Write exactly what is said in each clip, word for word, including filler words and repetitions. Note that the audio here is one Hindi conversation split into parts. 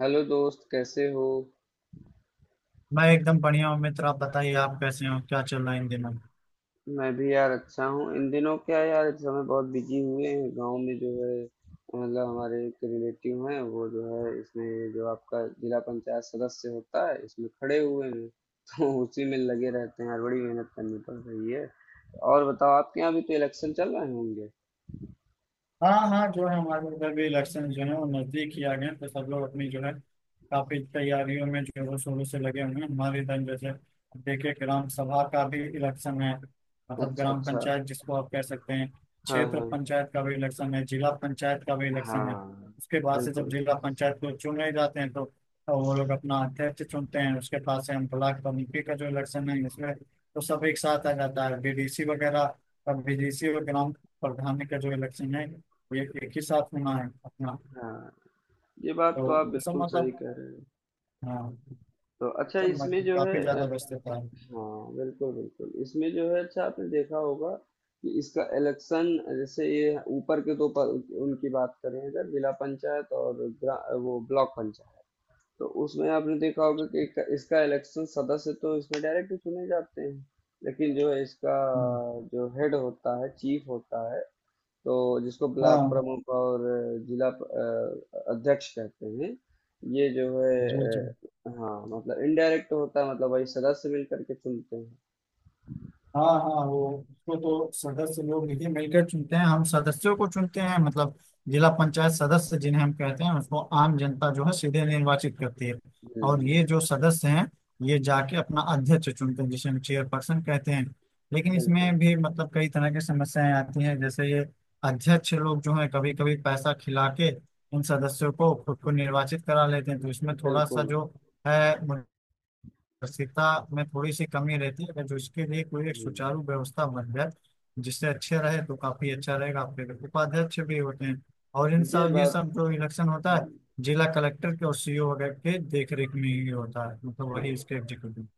हेलो दोस्त कैसे हो। मैं एकदम बढ़िया हूँ मित्र। आप बताइए, आप कैसे हो? क्या चल रहा है इन दिनों? मैं भी यार अच्छा हूँ इन दिनों। क्या यार इस समय बहुत बिजी हुए हैं गांव में जो है मतलब हमारे एक रिलेटिव हैं वो जो है इसमें जो आपका जिला पंचायत सदस्य होता है इसमें खड़े हुए हैं तो उसी में लगे रहते हैं यार। बड़ी मेहनत करनी पड़ रही है। और बताओ आपके यहाँ भी तो इलेक्शन चल रहे होंगे। हाँ हाँ जो है हमारे उधर भी इलेक्शन जो है वो नजदीक ही आ गए हैं, तो सब लोग अपनी जो है काफी तैयारियों में जोरों शोरों से लगे हुए हैं। हमारे इधर जैसे देखिए ग्राम सभा का भी इलेक्शन है, मतलब अच्छा ग्राम अच्छा। पंचायत जिसको आप कह सकते हैं। हाँ क्षेत्र हाँ। पंचायत का भी इलेक्शन है, जिला पंचायत का भी इलेक्शन है। हाँ। उसके बाद से जब बिल्कुल। जिला पंचायत को चुन रहे जाते हैं तो तो वो लोग अपना अध्यक्ष चुनते हैं। उसके पास से हम ब्लॉक कमेटी का जो इलेक्शन है इसमें तो सब एक साथ आ जाता है, बी डी सी वगैरह। और बी डी सी और ग्राम प्रधान का जो इलेक्शन है एक एक ही साथ होना है अपना। हाँ। ये बात तो तो आप उन सब बिल्कुल सही मतलब, कह रहे हो। हाँ, तो अच्छा सब इसमें मतलब जो है काफी अ, ज्यादा व्यस्त था। हाँ बिल्कुल बिल्कुल, इसमें जो है अच्छा आपने देखा होगा कि इसका इलेक्शन, जैसे ये ऊपर के दो प- उनकी बात करें अगर जिला पंचायत और ग्रा- वो ब्लॉक पंचायत, तो उसमें आपने देखा होगा कि इसका इसका इलेक्शन सदस्य तो इसमें डायरेक्ट चुने जाते हैं, लेकिन जो है इसका जो हेड होता है चीफ होता है, तो जिसको ब्लॉक हाँ। प्रमुख और जिला प- अ, अध्यक्ष कहते हैं, ये जो है जी जी। अ, हाँ मतलब इनडायरेक्ट होता है, मतलब वही सदस्य मिलकर के चुनते हैं। हाँ हाँ, वो उसको तो सदस्य लोग मिलकर मिलकर चुनते हैं, हम सदस्यों को चुनते हैं मतलब। जिला पंचायत सदस्य जिन्हें हम कहते हैं उसको आम जनता जो है सीधे निर्वाचित करती है। और हुँ, ये जो सदस्य हैं ये जाके अपना अध्यक्ष चुनते हैं जिसे हम चेयरपर्सन कहते हैं। लेकिन बिल्कुल, इसमें भी मतलब कई तरह की समस्याएं आती हैं, जैसे ये अध्यक्ष लोग जो है कभी कभी पैसा खिला के इन सदस्यों को खुद को निर्वाचित करा लेते हैं, तो इसमें थोड़ा सा बिल्कुल। जो है पारदर्शिता में थोड़ी सी कमी रहती है। अगर जो इसके लिए कोई एक हुँ, सुचारू व्यवस्था बन जाए जिससे अच्छे रहे तो काफी अच्छा रहेगा। आपके लिए उपाध्यक्ष भी होते हैं। और इन ये सब ये बात। सब जो इलेक्शन होता हुँ, है जिला कलेक्टर के और सी ई ओ वगैरह के देख रेख में ही होता है, मतलब वही हाँ, इसके एग्जीक्यूटिव।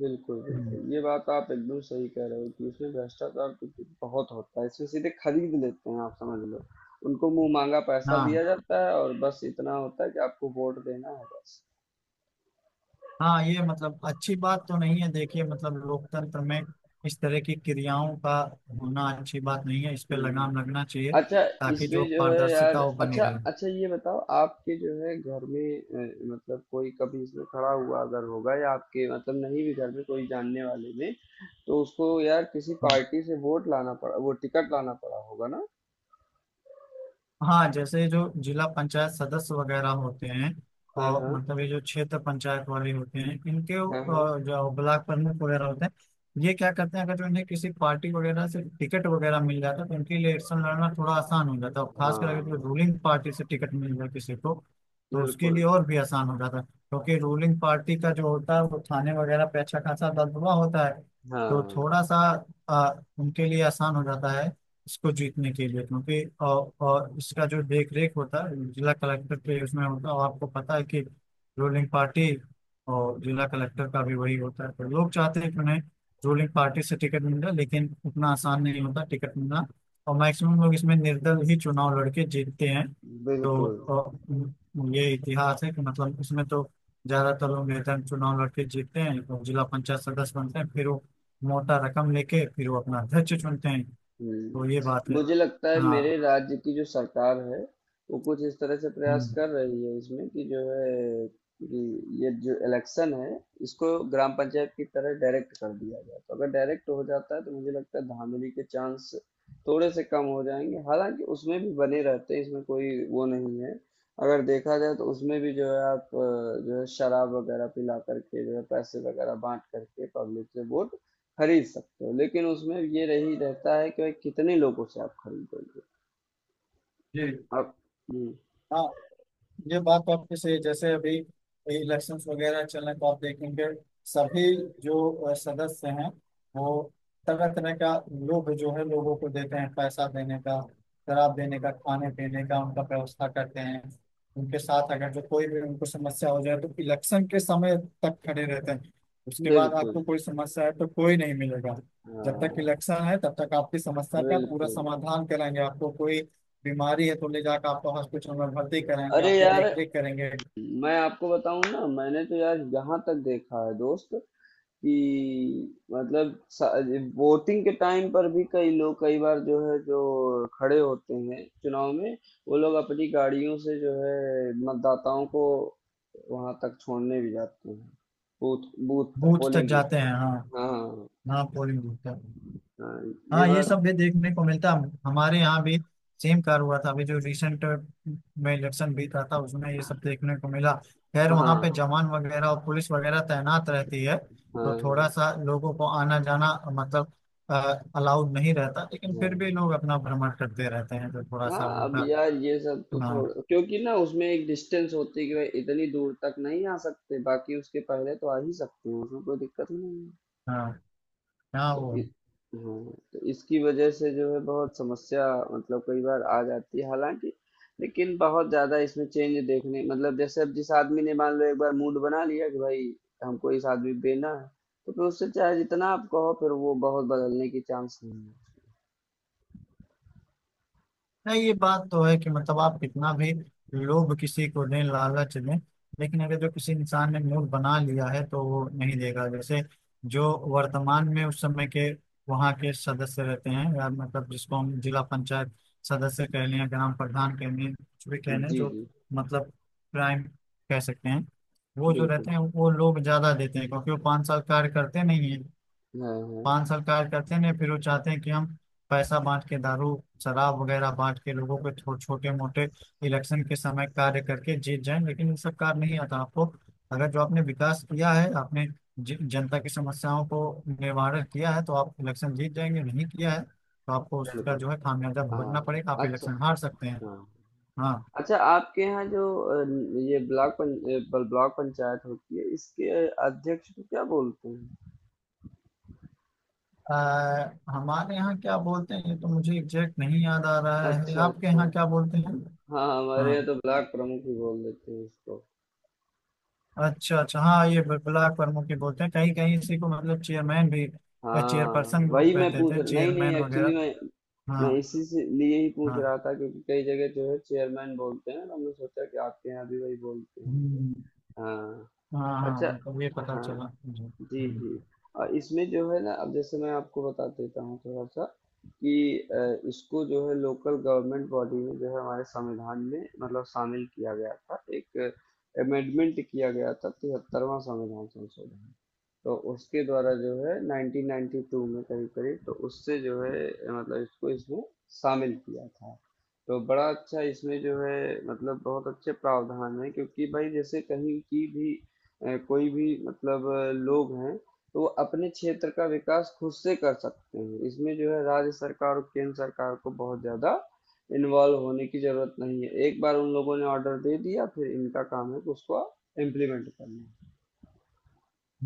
बिल्कुल, हम्म। बिल्कुल। ये बात आप एकदम सही कह रहे हो कि इसमें भ्रष्टाचार तो ब बहुत होता है, इसमें सीधे खरीद लेते हैं आप समझ लो। उनको मुँह माँगा पैसा हाँ दिया जाता है और बस इतना होता है कि आपको वोट देना है बस। हाँ, ये मतलब अच्छी बात तो नहीं है देखिए। मतलब लोकतंत्र में इस तरह की क्रियाओं का होना अच्छी बात नहीं है, इस पे हुँ। लगाम लगना चाहिए, अच्छा ताकि जो इसमें जो है यार, पारदर्शिता वो बनी अच्छा रहे। अच्छा, ये बताओ आपके जो है घर में अ, मतलब कोई कभी इसमें खड़ा हुआ अगर होगा या आपके मतलब नहीं भी घर में कोई जानने वाले में, तो उसको यार किसी पार्टी से वोट लाना पड़ा वो टिकट लाना पड़ा होगा ना। हाँ जैसे जो जिला पंचायत सदस्य वगैरह होते हैं, हाँ और हाँ। मतलब ये जो क्षेत्र पंचायत वाले होते हैं इनके हाँ हाँ। अ, जो ब्लॉक प्रमुख वगैरह होते हैं, ये क्या करते हैं? अगर जो इन्हें किसी पार्टी वगैरह से टिकट वगैरह मिल जाता है तो इनके लिए इलेक्शन लड़ना थोड़ा आसान हो जाता है। और खासकर अगर जो हाँ। रूलिंग पार्टी से टिकट मिल जाए किसी को, तो उसके बिल्कुल। लिए और भी आसान हो जाता है, क्योंकि रूलिंग पार्टी का जो होता है वो थाने वगैरह पे अच्छा खासा दबदबा होता है। तो हाँ। थोड़ा सा अ, उनके लिए आसान हो जाता है इसको जीतने के लिए, क्योंकि और, और इसका जो देख रेख होता है जिला कलेक्टर के उसमें होता है। और आपको पता है कि रूलिंग पार्टी और जिला कलेक्टर का भी वही होता है, तो लोग चाहते हैं कि उन्हें रूलिंग पार्टी से टिकट मिल जाए, लेकिन उतना आसान नहीं होता टिकट मिलना। और मैक्सिमम लोग इसमें निर्दल ही चुनाव लड़के जीतते हैं। तो बिल्कुल। अ, ये इतिहास है कि मतलब इसमें तो ज्यादातर लोग निर्दल चुनाव लड़के जीतते हैं और जिला पंचायत सदस्य बनते हैं। फिर वो मोटा रकम लेके फिर वो अपना अध्यक्ष चुनते हैं। तो ये बात हम्म, है। मुझे लगता है मेरे हाँ। राज्य की जो सरकार है वो कुछ इस तरह से प्रयास हम्म। कर रही है इसमें कि जो है कि ये जो इलेक्शन है, इसको ग्राम पंचायत की तरह डायरेक्ट कर दिया जाए, तो अगर डायरेक्ट हो जाता है तो मुझे लगता है धांधली के चांस थोड़े से कम हो जाएंगे, हालांकि उसमें भी बने रहते हैं, इसमें कोई वो नहीं है। अगर देखा जाए तो उसमें भी जो है आप अ, जो है शराब वगैरह पिला करके जो है पैसे वगैरह बांट करके पब्लिक से वोट खरीद सकते हो, लेकिन उसमें ये रही रहता है कि भाई कितने लोगों से आप खरीदोगे जी। आप। हम्म, हाँ ये बात तो आपकी सही है। जैसे अभी इलेक्शंस वगैरह चल रहे हैं तो आप देखेंगे सभी जो अ, सदस्य हैं वो तरह तरह का लोभ जो है लोगों को देते हैं। पैसा देने का, शराब देने का, खाने पीने का उनका व्यवस्था करते हैं। उनके साथ अगर जो कोई भी उनको समस्या हो जाए तो इलेक्शन के समय तक खड़े रहते हैं। उसके बाद बिल्कुल। आपको कोई समस्या है तो कोई नहीं मिलेगा। जब तक हाँ इलेक्शन है तब तक आपकी समस्या का पूरा बिल्कुल। समाधान कराएंगे। आपको कोई बीमारी है तो ले जाकर आपको हॉस्पिटल में भर्ती कराएंगे, अरे आपकी यार, देख रेख करेंगे। मैं आपको बताऊं ना, मैंने तो यार यहाँ तक देखा है दोस्त कि मतलब वोटिंग के टाइम पर भी कई लोग कई बार जो है जो खड़े होते हैं चुनाव में, वो लोग अपनी गाड़ियों से जो है मतदाताओं को वहां तक छोड़ने भी जाते हैं, बूथ बूथ तक, बूथ तक पोलिंग बूथ जाते तक। हैं, हाँ। हाँ हाँ हाँ, हाँ, पोलिंग बूथ तक। हाँ, ये हाँ, ये बात। सब भी देखने को मिलता है हमारे यहाँ भी। सेम कार हुआ था अभी जो रिसेंट में इलेक्शन बीता था, उसमें ये सब देखने को मिला। खैर हाँ वहाँ पे हाँ। जवान वगैरह और पुलिस वगैरह तैनात रहती है, तो थोड़ा हाँ सा लोगों को आना जाना मतलब अलाउड नहीं रहता, लेकिन फिर भी हाँ। लोग अपना भ्रमण करते रहते हैं, तो थोड़ा सा हाँ अब उनका। यार ये सब तो हाँ थोड़ा क्योंकि ना उसमें एक डिस्टेंस होती है कि भाई इतनी दूर तक नहीं आ सकते, बाकी उसके पहले तो आ ही सकते हैं, उसमें कोई दिक्कत ही नहीं है। हाँ हाँ। तो वो इ, हाँ, तो इसकी वजह से जो है बहुत समस्या मतलब कई बार आ जाती है, हालांकि लेकिन बहुत ज्यादा इसमें चेंज देखने मतलब, जैसे अब जिस आदमी ने मान लो एक बार मूड बना लिया कि भाई हमको इस आदमी पे देना है, तो फिर उससे चाहे जितना आप कहो फिर वो बहुत बदलने की चांस नहीं है। नहीं, ये बात तो है कि मतलब आप कितना भी लोभ किसी को दें, लालच दें, लेकिन अगर जो किसी इंसान ने मूड बना लिया है तो वो नहीं देगा। जैसे जो वर्तमान में उस समय के वहाँ के सदस्य रहते हैं या मतलब जिसको हम जिला पंचायत सदस्य कह लें या ग्राम प्रधान कह लें कुछ भी कह लें, जी जो जी। मतलब प्राइम कह सकते हैं, वो जो बिल्कुल। रहते हैं वो लोग ज्यादा देते हैं, क्योंकि वो पाँच साल कार्य करते नहीं है। हाँ पान हाँ। सरकार करते हैं, फिर वो चाहते हैं कि हम पैसा बांट के, दारू शराब वगैरह बांट के लोगों को छो, छोटे मोटे इलेक्शन के समय कार्य करके जीत जाएं। लेकिन ये सब कार्य नहीं आता आपको। अगर जो आपने विकास किया है, आपने ज- जनता की समस्याओं को निवारण किया है तो आप इलेक्शन जीत जाएंगे। नहीं किया है तो आपको उसका बिल्कुल। जो है खामियाजा भुगतना पड़ेगा, आप हाँ। अच्छा। इलेक्शन हार सकते हैं। हाँ। हाँ। अच्छा आपके यहाँ जो अ, ये ब्लॉक पं, अ, ब- ब्लॉक पंचायत होती है, इसके अध्यक्ष को क्या बोलते हैं? अ, हमारे यहाँ क्या बोलते हैं? ये तो मुझे एग्जैक्ट नहीं याद आ रहा है। अच्छा आपके अच्छा। यहाँ क्या बोलते हैं? हाँ हाँ। हमारे यहाँ तो ब्लॉक प्रमुख ही बोल देते हैं इसको। अच्छा अच्छा। हाँ ये ब- ब्लॉक प्रमुख ही बोलते हैं। कहीं कहीं इसी को मतलब चेयरमैन भी, हाँ चेयरपर्सन लोग वही मैं कहते पूछ थे, रहा, नहीं नहीं चेयरमैन एक्चुअली वगैरह। मैं मैं हाँ। इसी से लिए ही पूछ रहा हाँ था क्योंकि कई जगह जो है चेयरमैन बोलते हैं तो हमने सोचा कि आपके यहाँ भी वही बोलते होंगे। हम्म। हाँ। हाँ हाँ, अच्छा। मतलब ये पता चला हाँ, मुझे। जी, हम्म। जी। अ, इसमें जो है ना, अब जैसे मैं आपको बता देता हूँ थोड़ा-सा कि अ, इसको जो है लोकल गवर्नमेंट बॉडी में जो है हमारे संविधान में मतलब शामिल किया गया था। एक अमेंडमेंट किया गया था, तिहत्तरवां संविधान संशोधन। तो उसके द्वारा जो है नाइनटीन नाइनटी टू में, करीब करीब, तो उससे जो है मतलब इसको इसमें शामिल किया था, तो बड़ा अच्छा इसमें जो है मतलब बहुत अच्छे प्रावधान है, क्योंकि भाई जैसे कहीं की भी अ, कोई भी मतलब अ, लोग हैं तो वो अपने क्षेत्र का विकास खुद से कर सकते हैं, इसमें जो है राज्य सरकार और केंद्र सरकार को बहुत ज़्यादा इन्वॉल्व होने की ज़रूरत नहीं है, एक बार उन लोगों ने ऑर्डर दे दिया फिर इनका काम है कि उसको इम्प्लीमेंट करना।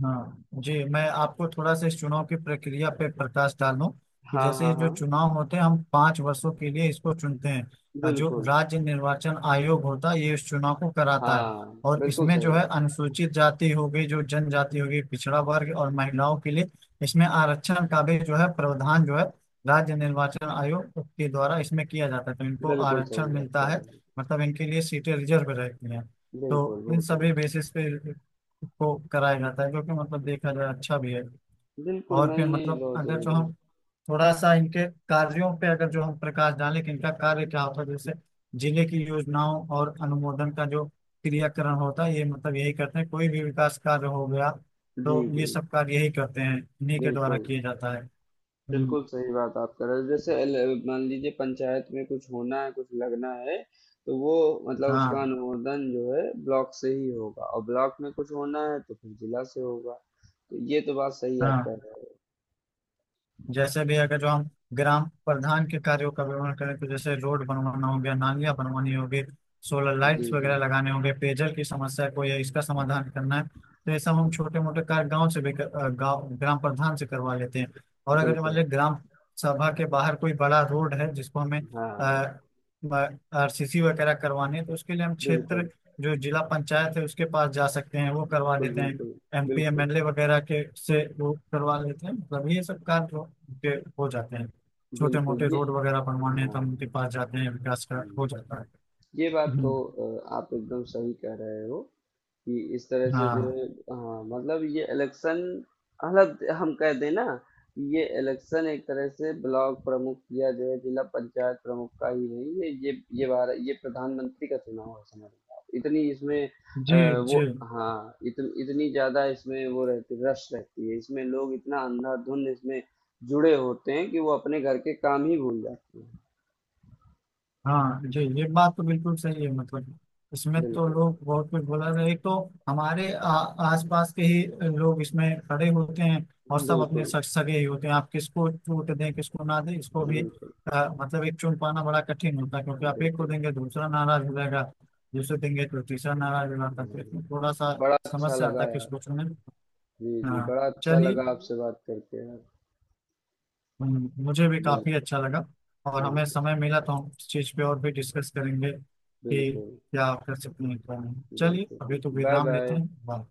हाँ जी, मैं आपको थोड़ा सा इस चुनाव की प्रक्रिया पे प्रकाश डालूं कि हाँ जैसे हाँ जो हाँ। चुनाव होते हैं हम पांच वर्षों के लिए इसको चुनते हैं, और जो बिल्कुल। राज्य निर्वाचन आयोग होता है ये इस चुनाव को कराता है। हाँ और बिल्कुल इसमें सही जो है बात है। अनुसूचित जाति हो गई, जो जनजाति हो गई, पिछड़ा वर्ग और महिलाओं के लिए इसमें आरक्षण का भी जो है प्रावधान जो है राज्य निर्वाचन आयोग के द्वारा इसमें किया जाता है, तो इनको बिल्कुल सही आरक्षण बात मिलता कह है। रहे हैं। मतलब इनके लिए सीटें रिजर्व रहती हैं। तो बिल्कुल इन बिल्कुल। सभी बेसिस पे को कराया जाता है, जो कि मतलब देखा जाए अच्छा भी है। बिल्कुल और नहीं फिर नहीं मतलब बहुत अगर जो जरूरी हम थोड़ा सा इनके कार्यों पे अगर जो हम प्रकाश डालें कि इनका कार्य क्या होता है, जैसे जिले की योजनाओं और अनुमोदन का जो क्रियाकरण होता है ये मतलब यही करते हैं। कोई भी विकास कार्य हो गया है। जी तो जी। ये सब कार्य यही करते हैं, इन्हीं के द्वारा बिल्कुल। किए जाता है। हम्म। बिल्कुल सही बात आप कह रहे हो, जैसे ल- मान लीजिए पंचायत में कुछ होना है कुछ लगना है, तो वो मतलब उसका हाँ अनुमोदन जो है ब्लॉक से ही होगा और ब्लॉक में कुछ होना है तो फिर जिला से होगा। तो ये तो बात सही आप हाँ। कह रहे हो। जैसे भी अगर जो हम ग्राम प्रधान के कार्यों का विवरण करें, तो जैसे रोड बनवाना हो गया, नालियां बनवानी होगी, सोलर जी लाइट्स जी। वगैरह लगाने होंगे, पेयजल की समस्या को या इसका समाधान करना है, तो ये सब हम छोटे मोटे कार्य गांव से भी कर- अ, गाँव ग्राम प्रधान से करवा लेते हैं। और अगर मान बिल्कुल। लीजिए ग्राम सभा के बाहर कोई बड़ा रोड है जिसको हमें हाँ। आर सी सी वगैरह करवाने हैं, तो उसके लिए हम क्षेत्र बिल्कुल। जो जिला पंचायत है उसके पास जा सकते हैं, वो करवा बिल्कुल। देते हैं। बिल्कुल। एम पी बिल्कुल। एम एल ए वगैरह के से वो करवा लेते हैं, मतलब ये सब कार्य हो उनके हो जाते हैं। छोटे बिल्कुल मोटे ये। रोड वगैरह बनवाने हैं तो हाँ। हम उनके पास जाते हैं, विकास का हो हम्म। जाता है। ये बात तो हम्म। अ, आप एकदम सही कह रहे हो कि इस तरह से जो हाँ है हाँ मतलब ये इलेक्शन मतलब हम कह दें ना कि ये इलेक्शन एक तरह से ब्लॉक प्रमुख या जो है जिला पंचायत प्रमुख का ही नहीं है, ये ये भारत ये प्रधानमंत्री का चुनाव है समझ लो आप। इतनी इसमें अ, जी वो जी। हाँ इतन, इतनी ज्यादा इसमें वो रहती रश रहती है, इसमें लोग इतना अंधाधुंध इसमें जुड़े होते हैं कि वो अपने घर के काम ही भूल जाते हैं। हाँ जी ये बात तो बिल्कुल सही है, मतलब इसमें तो बिल्कुल लोग बहुत कुछ बोला रहे। एक तो हमारे आ, आसपास के ही लोग इसमें खड़े होते हैं और सब अपने बिल्कुल। सग सगे ही होते हैं। आप किसको छूट दें किसको ना दें, इसको भी बिल्कुल आ, मतलब एक चुन पाना बड़ा कठिन होता है, क्योंकि आप एक को बिल्कुल। देंगे दूसरा नाराज हो जाएगा, दूसरे देंगे तो तीसरा नाराज हो जाता है, तो हुँ। इसमें थोड़ा सा बड़ा अच्छा समस्या आता है लगा किसको यार। चुने। जी, जी, हाँ। बड़ा अच्छा चलिए। लगा आपसे बात करके यार। हम्म, मुझे भी काफी बिल्कुल, अच्छा लगा। और हमें बिल्कुल, समय मिला तो हम इस चीज पे और भी डिस्कस करेंगे कि बिल्कुल, क्या कर सकते हैं क्या नहीं। चलिए बिल्कुल, अभी तो बिल्कुल। विराम लेते बाय-बाय। हैं। बाय।